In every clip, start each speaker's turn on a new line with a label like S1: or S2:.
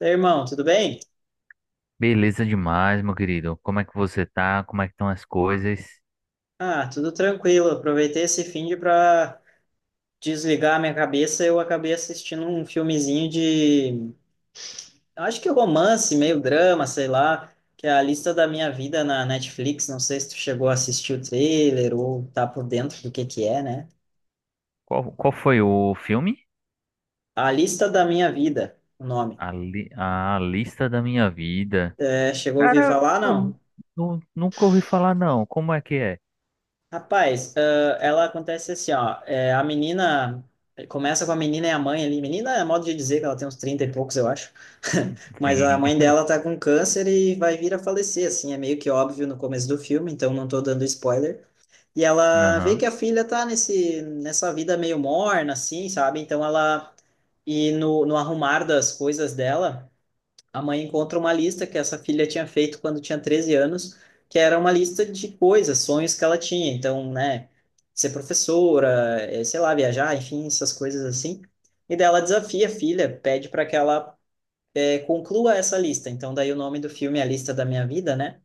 S1: Daí, irmão, tudo bem?
S2: Beleza demais, meu querido. Como é que você tá? Como é que estão as coisas?
S1: Ah, tudo tranquilo. Aproveitei esse fim de para desligar a minha cabeça. Eu acabei assistindo um filmezinho de, acho que romance, meio drama, sei lá, que é A Lista da Minha Vida na Netflix. Não sei se tu chegou a assistir o trailer ou tá por dentro do que é, né?
S2: Qual foi o filme?
S1: A Lista da Minha Vida, o nome.
S2: A Lista da Minha Vida.
S1: É, chegou a ouvir
S2: Cara,
S1: falar,
S2: eu
S1: não?
S2: nunca ouvi falar, não. Como é que é?
S1: Rapaz, ah, ela acontece assim, ó. É, a menina começa com a menina e a mãe ali. Menina é modo de dizer que ela tem uns 30 e poucos, eu acho. Mas a
S2: Sim.
S1: mãe dela tá com câncer e vai vir a falecer, assim, é meio que óbvio no começo do filme, então não tô dando spoiler. E ela vê
S2: Aham.
S1: que a filha tá nessa vida meio morna, assim, sabe? Então ela. E no arrumar das coisas dela a mãe encontra uma lista que essa filha tinha feito quando tinha 13 anos, que era uma lista de coisas, sonhos que ela tinha. Então, né, ser professora, sei lá, viajar, enfim, essas coisas assim. E daí ela desafia a filha, pede para que ela conclua essa lista. Então, daí o nome do filme é A Lista da Minha Vida, né?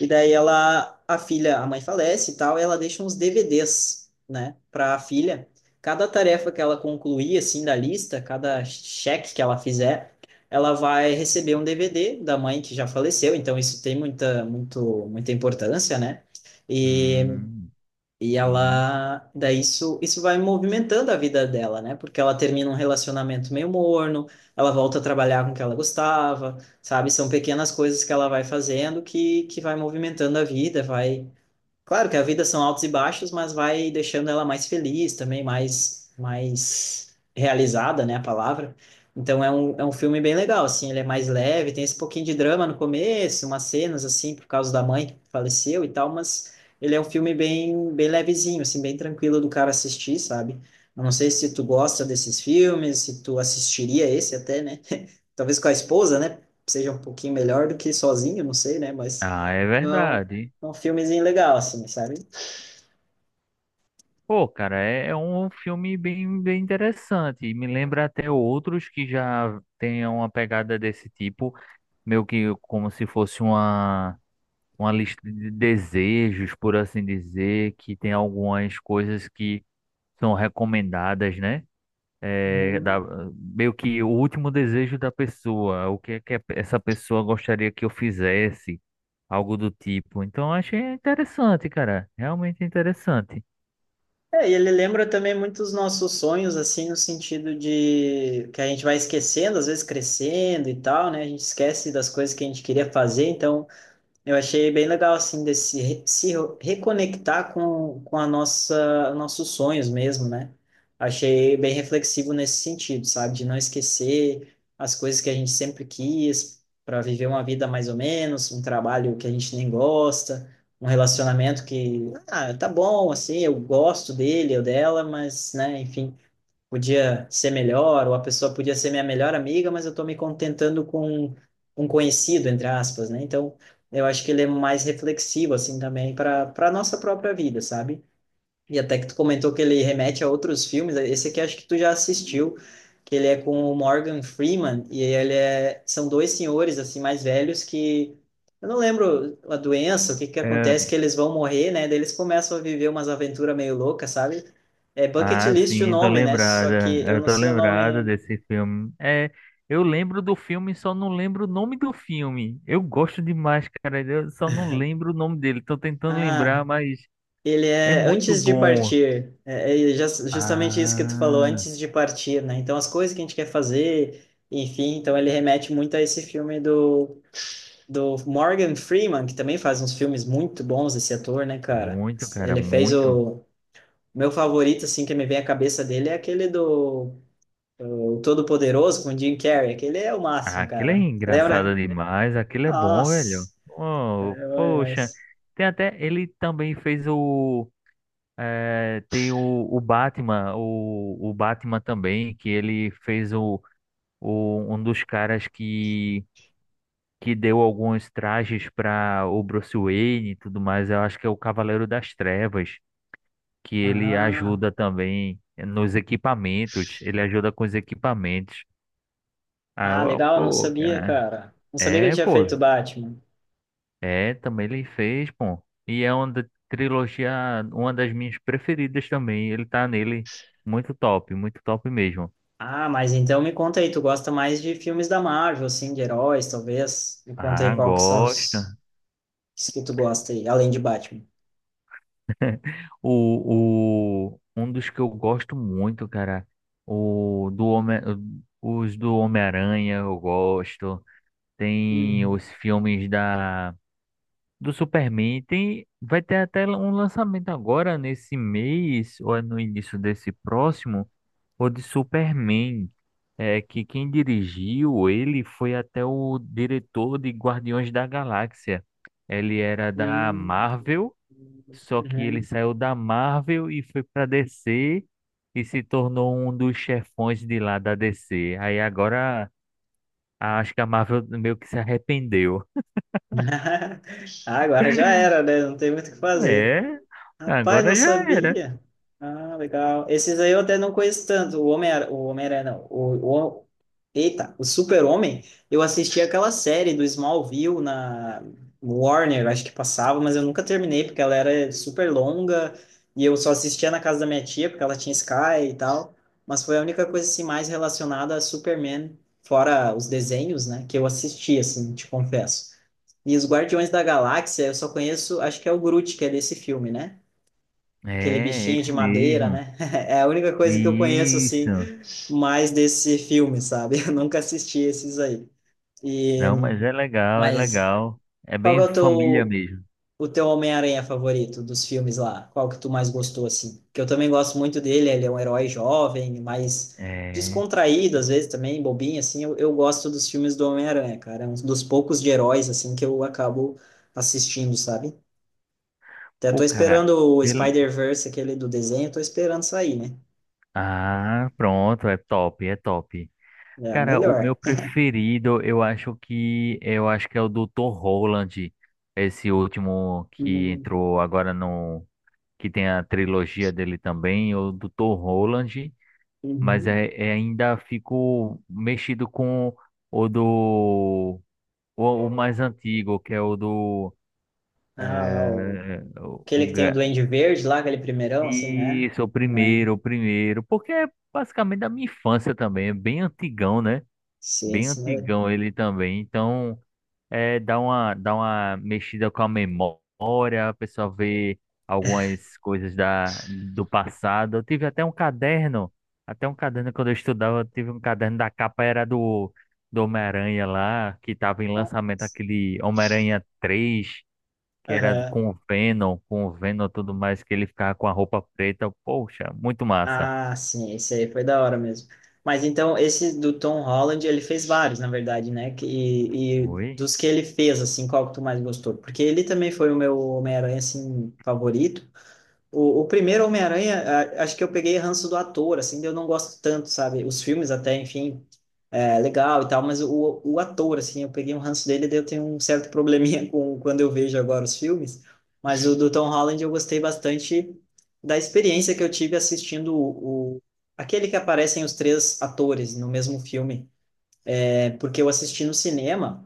S1: E daí ela, a filha, a mãe falece e tal, e ela deixa uns DVDs, né, para a filha. Cada tarefa que ela concluir assim da lista, cada cheque que ela fizer, ela vai receber um DVD da mãe que já faleceu, então isso tem muita importância, né? E
S2: Hum,
S1: e
S2: sim.
S1: ela, daí isso vai movimentando a vida dela, né? Porque ela termina um relacionamento meio morno, ela volta a trabalhar com o que ela gostava, sabe? São pequenas coisas que ela vai fazendo que vai movimentando a vida, vai. Claro que a vida são altos e baixos, mas vai deixando ela mais feliz também, mais realizada, né, a palavra. Então é é um filme bem legal, assim, ele é mais leve, tem esse pouquinho de drama no começo, umas cenas, assim, por causa da mãe que faleceu e tal, mas ele é um filme bem levezinho, assim, bem tranquilo do cara assistir, sabe? Eu não sei se tu gosta desses filmes, se tu assistiria esse até, né? Talvez com a esposa, né? Seja um pouquinho melhor do que sozinho, não sei, né? Mas
S2: Ah, é
S1: é
S2: verdade.
S1: é um filmezinho legal, assim, sabe?
S2: Pô, cara, é um filme bem, bem interessante. Me lembra até outros que já tenham uma pegada desse tipo, meio que como se fosse uma lista de desejos, por assim dizer, que tem algumas coisas que são recomendadas, né? É.
S1: Uhum.
S2: Meio que o último desejo da pessoa, o que é que essa pessoa gostaria que eu fizesse, algo do tipo. Então, eu achei interessante, cara, realmente interessante.
S1: É, e ele lembra também muitos nossos sonhos, assim, no sentido de que a gente vai esquecendo, às vezes crescendo e tal, né? A gente esquece das coisas que a gente queria fazer, então. Eu achei bem legal, assim, de se reconectar com a nossa, nossos sonhos mesmo, né? Achei bem reflexivo nesse sentido, sabe? De não esquecer as coisas que a gente sempre quis para viver uma vida mais ou menos, um trabalho que a gente nem gosta, um relacionamento que, ah, tá bom, assim, eu gosto dele ou dela, mas, né, enfim podia ser melhor, ou a pessoa podia ser minha melhor amiga, mas eu estou me contentando com um conhecido, entre aspas, né? Então, eu acho que ele é mais reflexivo, assim, também para nossa própria vida, sabe? E até que tu comentou que ele remete a outros filmes, esse aqui acho que tu já assistiu, que ele é com o Morgan Freeman, e ele é, são dois senhores, assim, mais velhos que, eu não lembro a doença, o que que acontece,
S2: É.
S1: que eles vão morrer, né, daí eles começam a viver umas aventuras meio loucas, sabe? É Bucket
S2: Ah,
S1: List o
S2: sim, tô
S1: nome, né, só
S2: lembrada.
S1: que eu
S2: Eu
S1: não
S2: tô
S1: sei o
S2: lembrada
S1: nome...
S2: desse filme. É, eu lembro do filme, só não lembro o nome do filme. Eu gosto demais, cara. Eu só não lembro o nome dele. Tô tentando
S1: Ah,
S2: lembrar, mas
S1: ele
S2: é
S1: é
S2: muito
S1: Antes de
S2: bom.
S1: Partir, é, é justamente isso que tu falou,
S2: Ah,
S1: Antes de Partir, né? Então, as coisas que a gente quer fazer, enfim, então ele remete muito a esse filme do, do Morgan Freeman, que também faz uns filmes muito bons, esse ator, né, cara?
S2: muito, cara,
S1: Ele fez
S2: muito.
S1: o meu favorito, assim, que me vem à cabeça dele é aquele do o Todo-Poderoso com o Jim Carrey, aquele é o
S2: Ah,
S1: máximo,
S2: aquilo é
S1: cara.
S2: engraçado
S1: Lembra?
S2: demais. Aquilo é bom,
S1: Nossa,
S2: velho. Oh,
S1: é bom
S2: poxa.
S1: demais.
S2: Tem até. Ele também fez o. É, tem o Batman, o Batman também, que ele fez o. Um dos caras que deu alguns trajes para o Bruce Wayne e tudo mais, eu acho que é o Cavaleiro das Trevas, que ele
S1: Ah,
S2: ajuda também nos equipamentos, ele ajuda com os equipamentos. Ah,
S1: ah, legal, eu não
S2: pô,
S1: sabia,
S2: cara.
S1: cara. Não sabia que ele
S2: É,
S1: tinha feito o
S2: pô.
S1: Batman.
S2: É, também ele fez, pô. E é uma trilogia, uma das minhas preferidas também. Ele tá nele. Muito top mesmo.
S1: Ah, mas então me conta aí, tu gosta mais de filmes da Marvel, assim, de heróis, talvez? Me conta aí
S2: Ah,
S1: qual que são
S2: gosto.
S1: os que tu gosta aí, além de Batman.
S2: Um dos que eu gosto muito, cara, o do Homem, os do Homem-Aranha eu gosto. Tem
S1: Uhum.
S2: os filmes da do Superman. Tem, vai ter até um lançamento agora nesse mês ou é no início desse próximo, o de Superman. É que quem dirigiu ele foi até o diretor de Guardiões da Galáxia. Ele era da
S1: Uhum.
S2: Marvel. Só que ele
S1: Uhum.
S2: saiu da Marvel e foi pra DC e se tornou um dos chefões de lá da DC. Aí agora acho que a Marvel meio que se arrependeu.
S1: Ah, agora já era, né? Não tem muito o que fazer.
S2: É,
S1: Rapaz,
S2: agora
S1: não
S2: já era.
S1: sabia. Ah, legal. Esses aí eu até não conheço tanto. O homem não. Eita, o Super-Homem. Eu assisti aquela série do Smallville na Warner, acho que passava, mas eu nunca terminei porque ela era super longa e eu só assistia na casa da minha tia porque ela tinha Sky e tal. Mas foi a única coisa assim mais relacionada a Superman, fora os desenhos, né, que eu assisti assim, te confesso. E os Guardiões da Galáxia, eu só conheço, acho que é o Groot que é desse filme, né? Aquele
S2: É,
S1: bichinho
S2: esse
S1: de madeira,
S2: mesmo.
S1: né? É a única coisa que eu conheço, assim,
S2: Isso.
S1: mais desse filme, sabe? Eu nunca assisti esses aí. E,
S2: Não, mas é legal, é
S1: mas
S2: legal. É
S1: qual que é
S2: bem família mesmo.
S1: o teu Homem-Aranha favorito dos filmes lá? Qual que tu mais gostou, assim? Que eu também gosto muito dele, ele é um herói jovem, mais
S2: É.
S1: descontraído, às vezes também, bobinho, assim. Eu gosto dos filmes do Homem-Aranha, cara. É um dos poucos de heróis, assim, que eu acabo assistindo, sabe? Até
S2: Pô,
S1: tô
S2: cara,
S1: esperando o
S2: pela.
S1: Spider-Verse, aquele do desenho, tô esperando sair, né?
S2: Ah, pronto, é top, é top.
S1: É a
S2: Cara, o
S1: melhor.
S2: meu preferido, eu acho que é o Dr. Roland, esse último que
S1: Uhum.
S2: entrou agora no que tem a trilogia dele também, o Dr. Roland, mas
S1: Uhum.
S2: é ainda fico mexido com o do o mais antigo, que é o do
S1: Ah, o...
S2: é, o
S1: aquele que tem o
S2: ga-
S1: Duende Verde lá, aquele primeirão, assim, né?
S2: isso, o
S1: É.
S2: primeiro, o primeiro, porque é basicamente da minha infância também, é bem antigão, né?
S1: Sim,
S2: Bem
S1: sim.
S2: antigão ele também, então é, dá uma mexida com a memória, a pessoa vê algumas coisas do passado. Eu tive até um caderno quando eu estudava, eu tive um caderno da capa era do Homem-Aranha lá, que estava em lançamento aquele Homem-Aranha 3 que era
S1: Aham.
S2: com o Venom e tudo mais, que ele ficava com a roupa preta. Poxa, muito massa.
S1: Ah, sim, esse aí foi da hora mesmo. Mas então, esse do Tom Holland, ele fez vários, na verdade, né? Que- e
S2: Oi?
S1: dos que ele fez, assim, qual que tu mais gostou? Porque ele também foi o meu Homem-Aranha, assim, favorito. O primeiro Homem-Aranha, acho que eu peguei ranço do ator, assim, eu não gosto tanto, sabe? Os filmes até, enfim, é legal e tal, mas o ator, assim, eu peguei um ranço dele, daí eu tenho um certo probleminha com quando eu vejo agora os filmes, mas o do Tom Holland eu gostei bastante da experiência que eu tive assistindo o aquele que aparecem os três atores no mesmo filme, é, porque eu assisti no cinema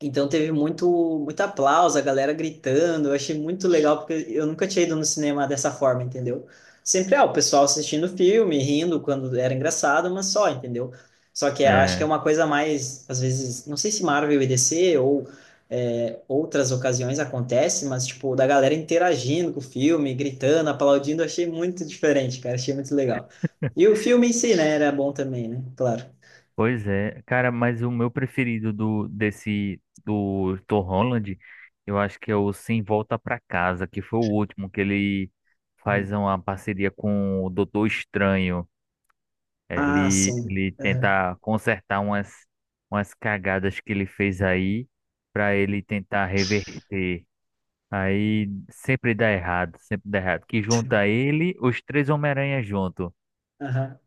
S1: então teve muito aplauso, a galera gritando. Eu achei muito legal, porque eu nunca tinha ido no cinema dessa forma, entendeu? Sempre, é o pessoal assistindo filme, rindo quando era engraçado, mas só, entendeu? Só que eu acho que é uma coisa mais, às vezes, não sei se Marvel e DC ou outras ocasiões acontece, mas, tipo, da galera interagindo com o filme, gritando, aplaudindo, eu achei muito diferente, cara, achei muito legal. E o filme em si, né, era bom também, né? Claro.
S2: Pois é, cara, mas o meu preferido do Tom Holland, eu acho que é o Sem Volta Pra Casa, que foi o último que ele faz
S1: Hum.
S2: uma parceria com o Doutor Estranho.
S1: Ah,
S2: Ele
S1: sim.
S2: ele
S1: Aham,
S2: tenta consertar umas cagadas que ele fez aí pra ele tentar reverter. Aí sempre dá errado, sempre dá errado. Que junta ele, os três Homem-Aranha junto.
S1: aham.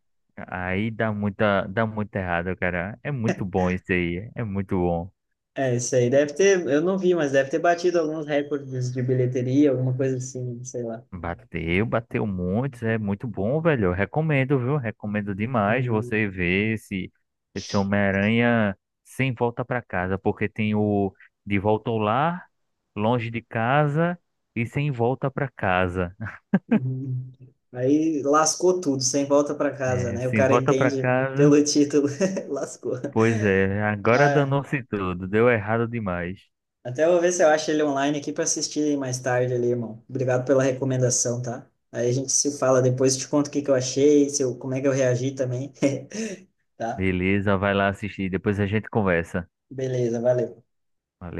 S2: Aí dá muito errado, cara. É muito bom isso aí. É muito bom.
S1: É, isso aí deve ter, eu não vi, mas deve ter batido alguns recordes de bilheteria, alguma coisa assim, sei lá.
S2: Bateu, bateu muitos. É muito bom, velho. Eu recomendo, viu? Recomendo demais
S1: Hum,
S2: você ver esse Homem-Aranha sem volta pra casa. Porque tem o De Volta ao Lar, Longe de Casa e Sem Volta pra Casa.
S1: uhum. Aí lascou tudo, sem volta para casa,
S2: É,
S1: né? O
S2: sem
S1: cara
S2: volta pra
S1: entende
S2: casa.
S1: pelo título, lascou.
S2: Pois é, agora
S1: Mas
S2: danou-se tudo. Deu errado demais.
S1: até vou ver se eu acho ele online aqui para assistir mais tarde ali, irmão. Obrigado pela recomendação, tá? Aí a gente se fala depois, te conto o que que eu achei, se eu, como é que eu reagi também, tá?
S2: Beleza, vai lá assistir. Depois a gente conversa.
S1: Beleza, valeu.